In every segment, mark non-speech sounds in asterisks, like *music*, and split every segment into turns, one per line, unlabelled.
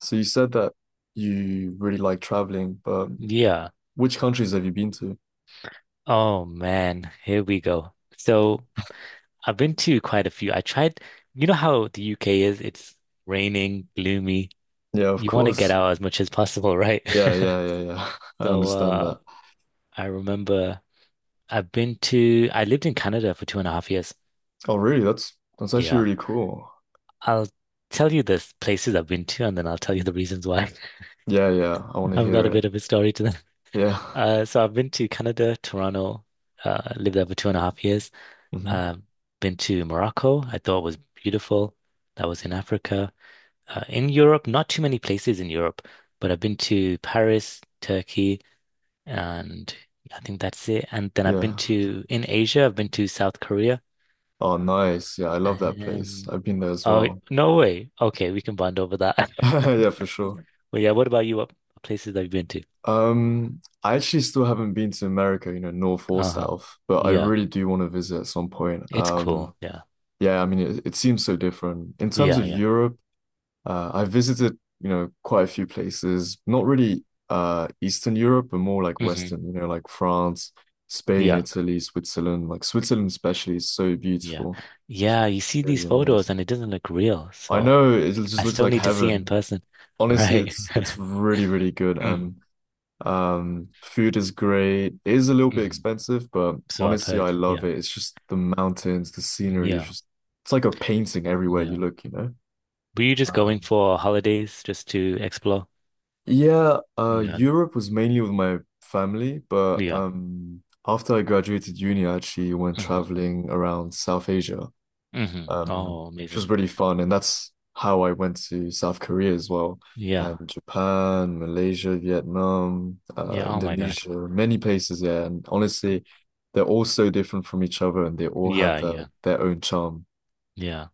So you said that you really like traveling, but
Yeah.
which countries have you been to?
Oh man, here we go. So I've been to quite a few. You know how the UK is? It's raining, gloomy.
Yeah, of
You want to get
course.
out as much as possible, right?
Yeah,
*laughs*
yeah, yeah, yeah. *laughs* I
So
understand
uh
that.
I remember I've been to I lived in Canada for two and a half years.
Oh, really? That's actually
Yeah.
really cool.
I'll tell you the places I've been to and then I'll tell you the reasons why.
Yeah, yeah. I
*laughs*
want to
I've got
hear
a
it.
bit of a story to them.
Yeah.
So I've been to Canada, Toronto, lived there for two and a half years.
*laughs* hmm
Um, been to Morocco. I thought was beautiful. That was in Africa. In Europe, not too many places in Europe, but I've been to Paris, Turkey, and I think that's it. And then I've been
Yeah.
to in Asia, I've been to South Korea.
Oh, nice. Yeah, I love that place.
And
I've been there as
oh,
well.
no way. Okay, we can bond over that. *laughs*
*laughs* Yeah, for sure.
Well, yeah. What about you? What places that you've been to?
I actually still haven't been to America, you know, north or
Uh-huh.
south, but I
Yeah,
really do want to visit at some point.
it's cool. Yeah,
Yeah, I mean, it seems so different. In terms
yeah,
of
yeah.
Europe, I visited, you know, quite a few places, not really Eastern Europe, but more like
hmm
Western, you know, like France, Spain,
Yeah,
Italy, Switzerland. Like Switzerland especially is so
yeah,
beautiful. It's
yeah. You see these
really
photos,
amazing.
and it doesn't look real.
I
So.
know, it just
I
looks
still
like
need to see in
heaven.
person. *laughs*
Honestly,
Right.
it's
*laughs*
really, really good
Mm,
and food is great. It is a little bit
mm.
expensive, but
So I've
honestly, I
heard.
love
Yeah.
it. It's just the mountains, the scenery, it's
Yeah.
just it's like a painting everywhere you
Yeah.
look, you know.
Were you just going
Um,
for holidays, just to explore?
Yeah,
Yeah.
Europe was mainly with my family, but
Yeah.
after I graduated uni, I actually went
hmm
traveling around South Asia,
hmm
um,
Oh,
which
amazing.
was really fun, and that's how I went to South Korea as well,
Yeah.
and Japan, Malaysia, Vietnam,
Yeah. Oh my God.
Indonesia, many places. Yeah, and honestly, they're all so different from each other, and they all have
Yeah.
their
Yeah.
their own charm.
Yeah.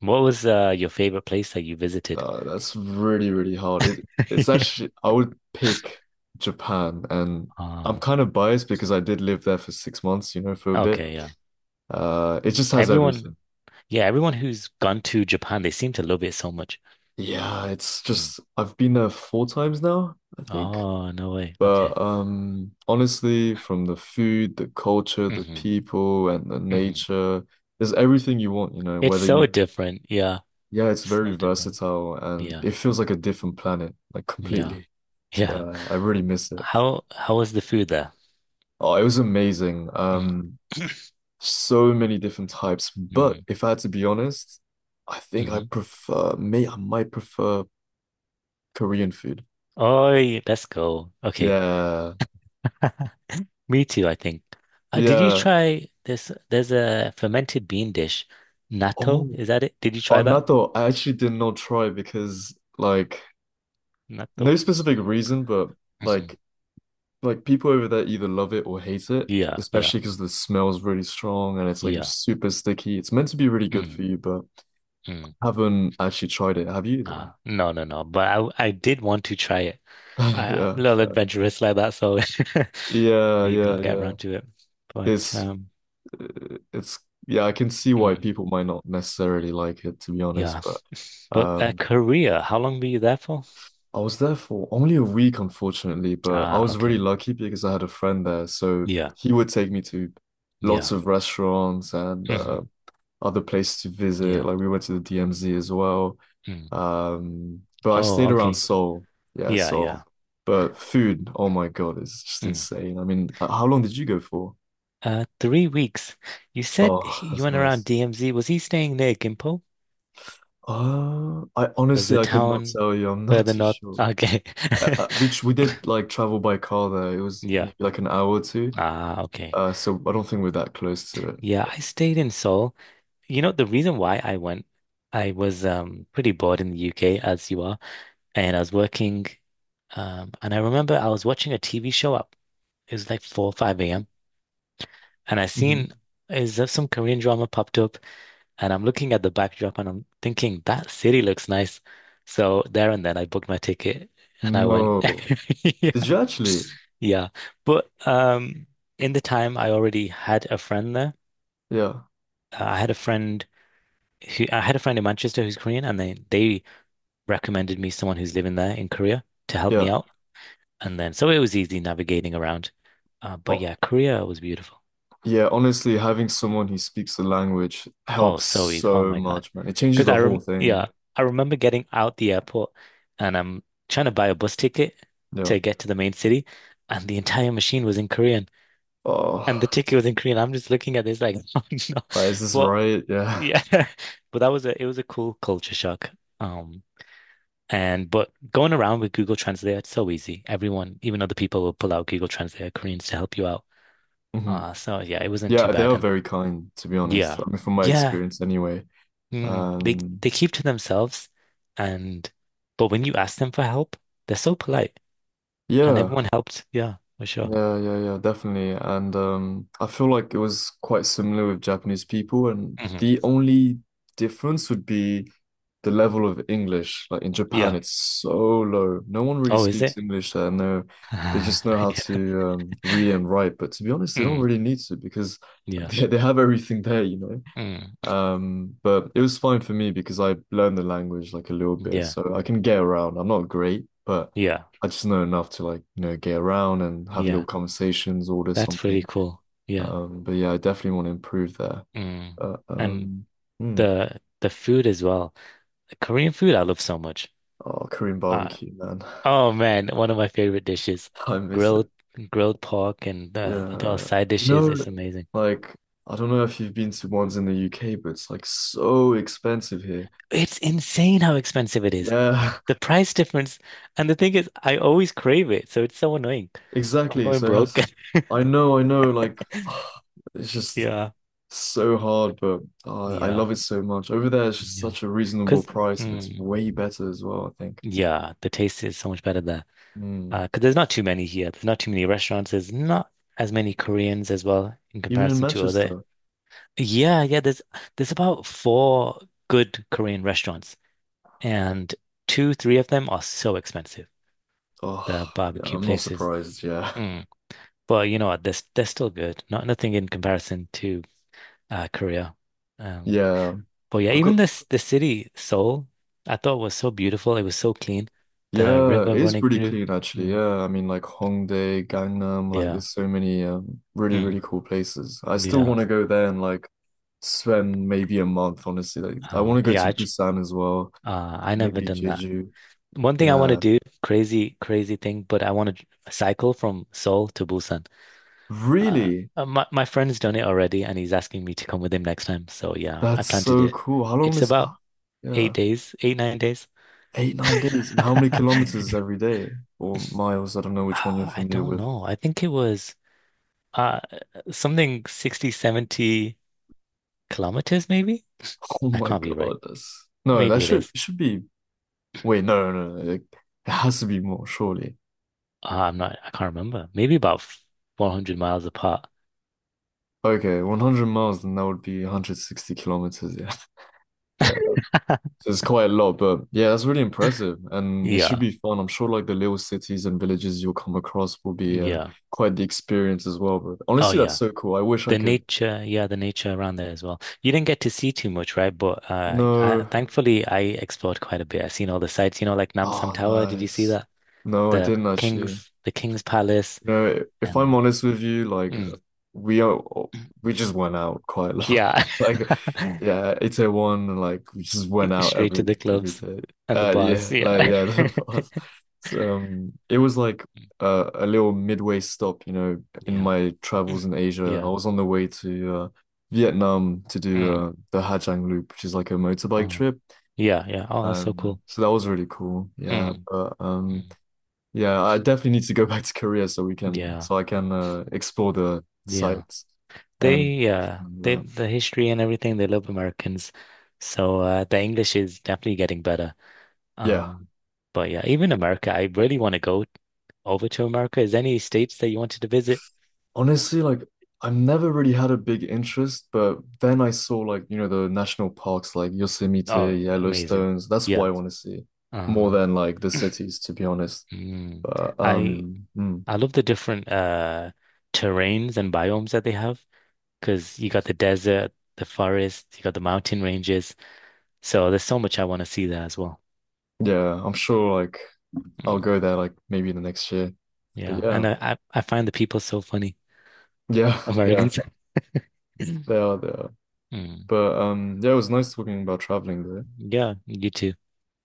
What was your favorite place that you visited?
That's really, really hard. It's
*laughs* Yeah.
actually, I would pick Japan, and I'm
Um,
kind of biased because I did live there for 6 months, you know, for a bit.
okay. Yeah.
It just has
Everyone.
everything.
Yeah. Everyone who's gone to Japan, they seem to love it so much.
Yeah, it's
Mm.
just, I've been there four times now, I think.
Oh, no way.
But
Okay.
honestly, from the food, the culture, the
hmm
people, and the
hmm
nature, there's everything you want, you know,
It's
whether
so
you,
different. Yeah.
yeah, it's very
So different.
versatile and
Yeah.
it feels like a different planet, like
Yeah.
completely.
Yeah.
Yeah, I really miss it.
How was the food there?
Oh, it was amazing.
Mm. *clears throat*
So many different types. But
Mm.
if I had to be honest, I think
hmm
I might prefer Korean food.
Oh, let's go. Okay.
Yeah.
*laughs* Me too, I think. Did you
Yeah.
try this? There's a fermented bean dish. Natto,
Oh,
is that it? Did you try
on
that?
that though, I actually did not try because like
Natto.
no specific reason, but
Hmm
like like people over there either love it or hate it,
Yeah, yeah,
especially because the smell is really strong and it's like
yeah.
super sticky. It's meant to be really good for
Mm,
you, but
mm.
haven't actually tried it. Have you
No, no, no. But I did want to try it.
though?
I am a
*laughs*
little
Yeah.
adventurous like that, so *laughs*
Yeah,
maybe I'll
yeah,
get
yeah.
around to it. But
It's it's yeah, I can see why
mm,
people might not necessarily like it to be honest,
yeah.
but
But at
um
Korea, how long were you there for?
I was there for only a week unfortunately, but I
Ah,
was really
okay.
lucky because I had a friend there, so
Yeah,
he would take me to lots
yeah.
of restaurants and
hmm
other places to visit.
Yeah.
Like we went to the DMZ as well.
Mm.
But I
Oh,
stayed around
okay.
Seoul. Yeah,
Yeah,
Seoul.
yeah.
But food, oh my God, it's just
Mm.
insane. I mean, how long did you go for?
3 weeks.
Oh,
You
that's
went around
nice.
DMZ. Was he staying near Gimpo?
I
Was
honestly
the
I could not
town
tell you. I'm not *laughs*
further
too
north?
sure.
Okay. *laughs*
We did like travel by car there. It was
Yeah.
maybe like an hour or two.
Ah, okay.
So I don't think we're that close to it.
Yeah, I stayed in Seoul. You know, the reason why I went, I was pretty bored in the UK as you are, and I was working and I remember I was watching a TV show at It was like 4 or 5 a.m. And I
Hmm
seen is there some Korean drama popped up and I'm looking at the backdrop and I'm thinking that city looks nice. So there and then I booked my ticket and I went.
No.
*laughs* Yeah.
Did you actually?
Yeah. But in the time I already had a friend there.
Yeah.
Uh, I had a friend I had a friend in Manchester who's Korean and they recommended me someone who's living there in Korea to help me
Yeah.
out. And then so it was easy navigating around. But
Oh,
yeah, Korea was beautiful.
yeah. Honestly, having someone who speaks the language
Oh,
helps
so easy. Oh
so
my God.
much, man. It changes
Because
the
I rem
whole
Yeah,
thing.
I remember getting out the airport and I'm trying to buy a bus ticket
Yeah.
to get to the main city, and the entire machine was in Korean and the
Oh,
ticket was in Korean. I'm just looking at this like, *laughs* oh no.
like, is this
But
right? Yeah.
yeah, *laughs* but that was a it was a cool culture shock. Um and but going around with Google Translate, it's so easy. Everyone, even other people will pull out Google Translate, Koreans to help you out.
*laughs* hmm
So yeah, it wasn't too
Yeah, they
bad.
are
And
very kind, to be honest.
yeah.
I mean, from my
Yeah,
experience anyway.
mm, they
Um,
keep to themselves and but when you ask them for help, they're so polite and
yeah.
everyone helped. Yeah, for sure.
Yeah, yeah, yeah, definitely. And I feel like it was quite similar with Japanese people, and
hmm
the only difference would be the level of English. Like in Japan,
Yeah.
it's so low. No one really
Oh, is
speaks
it?
English there. No, they just
*laughs* Yeah.
know how to read and write. But to be honest, they don't
Mm,
really need to because like *laughs*
yeah.
they have everything there, you know.
Mm,
But it was fine for me because I learned the language like a little bit,
yeah.
so I can get around. I'm not great, but
Yeah.
I just know enough to like, you know, get around and have little
Yeah.
conversations, order
That's pretty
something.
cool. Yeah.
But yeah, I definitely want to improve there.
Mm.
But
And
hmm.
the food as well. Korean food I love so much.
Oh, Korean
Uh,
barbecue, man.
oh man, one of my favorite dishes.
*laughs* I miss it.
Grilled grilled pork and the
Yeah.
side
You
dishes. It's
know,
amazing.
like I don't know if you've been to ones in the UK, but it's like so expensive here.
It's insane how expensive it is.
Yeah. *laughs*
The price difference. And the thing is, I always crave it. So it's so annoying. I'm
Exactly.
going broke. *laughs*
I know, like *sighs* it's just
Yeah.
so hard, but I
Yeah.
love it so much. Over there, it's just
Yeah.
such a reasonable
Because,
price and it's
mm,
way better as well, I think.
yeah, the taste is so much better there.
Mm.
'Cause there's not too many here. There's not too many restaurants. There's not as many Koreans as well in
Even in
comparison to other.
Manchester.
Yeah. Yeah. There's about four good Korean restaurants, and two, three of them are so expensive. The
Oh, yeah,
barbecue
I'm not
places.
surprised. Yeah. *laughs*
Mm. But you know what? They're still good. Not nothing in comparison to Korea. Um,
Yeah.
but yeah,
I've got,
even this the city Seoul, I thought was so beautiful. It was so clean. The
yeah, it
river
is
running
pretty
through.
clean actually.
Mm,
Yeah. I mean, like Hongdae, Gangnam, like
yeah.
there's so many really,
Mm,
really cool places. I still
yeah.
want to go there and like spend maybe a month, honestly. Like, I want to go
Yeah.
to Busan as well.
I never
Maybe
done that.
Jeju.
One thing I want to
Yeah.
do, crazy, crazy thing, but I want to cycle from Seoul to Busan. Uh,
Really?
my friend's done it already, and he's asking me to come with him next time. So yeah, I
That's
plan to do
so
it.
cool. How long
It's
is,
about eight
yeah.
days, eight, 9 days.
Eight, 9 days. And how many
*laughs*
kilometers every day? Or miles? I don't know which one you're
I
familiar
don't
with. *laughs*
know. I think it was uh something 60, 70 kilometers, maybe?
Oh
That
my
can't be
God,
right.
that's no, that
Maybe it
should
is.
should be, wait, no, no, no. It has to be more, surely.
I can't remember. Maybe about 400 miles apart.
Okay, 100 miles, then that would be 160 kilometers, yeah. *laughs* Yeah.
*laughs*
So it's quite a lot, but yeah, that's really impressive, and it should
Yeah,
be fun. I'm sure like the little cities and villages you'll come across will be
yeah.
quite the experience as well. But
Oh,
honestly, that's
yeah.
so cool. I wish I
The
could.
nature, yeah, the nature around there as well. You didn't get to see too much, right? But I,
No,
thankfully, I explored quite a bit. I seen all the sites, you know, like Nam Sam
oh,
Tower. Did you see
nice.
that?
No, I didn't actually.
The King's Palace,
You know, if I'm
and
honest with you, like
mm.
we are, we just went out quite a lot. *laughs*
Yeah.
Like,
*laughs*
yeah, it's a one, like we just went out
Straight to
every
the
every
clubs
day.
and the bars.
Yeah, like
Yeah.
yeah, *laughs*
*laughs*
that was. So, it was like a little midway stop, you know, in
Yeah.
my travels
Mm.
in Asia. I
Yeah.
was on the way to Vietnam to do
Mm.
the Hà Giang Loop, which is like a motorbike
Oh.
trip.
Yeah, yeah. Oh, that's so cool.
So that was really cool. Yeah,
Mm.
but.
Mm.
Yeah, I definitely need to go *laughs* back to Korea
Yeah.
so I can explore the
Yeah.
sites
They
and
yeah, they
that.
the history and everything, they love Americans. So the English is definitely getting better.
Yeah.
Um but yeah, even America, I really want to go over to America. Is there any states that you wanted to visit?
Honestly, like I've never really had a big interest, but then I saw like, you know, the national parks like
Oh,
Yosemite,
amazing.
Yellowstones. That's
Yeah.
what I want to see more
Uh
than like the cities, to be honest.
mm.
But
I
mm,
I love the different terrains and biomes that they have because you got the desert, the forest, you got the mountain ranges. So there's so much I want to see there as well.
yeah, I'm sure like I'll
Mm,
go there like maybe the next year. But
yeah,
yeah.
and I find the people so funny,
Yeah, *laughs* yeah.
Americans. *laughs*
They are, they are.
Mm,
But yeah, it was nice talking about traveling though.
yeah, you too.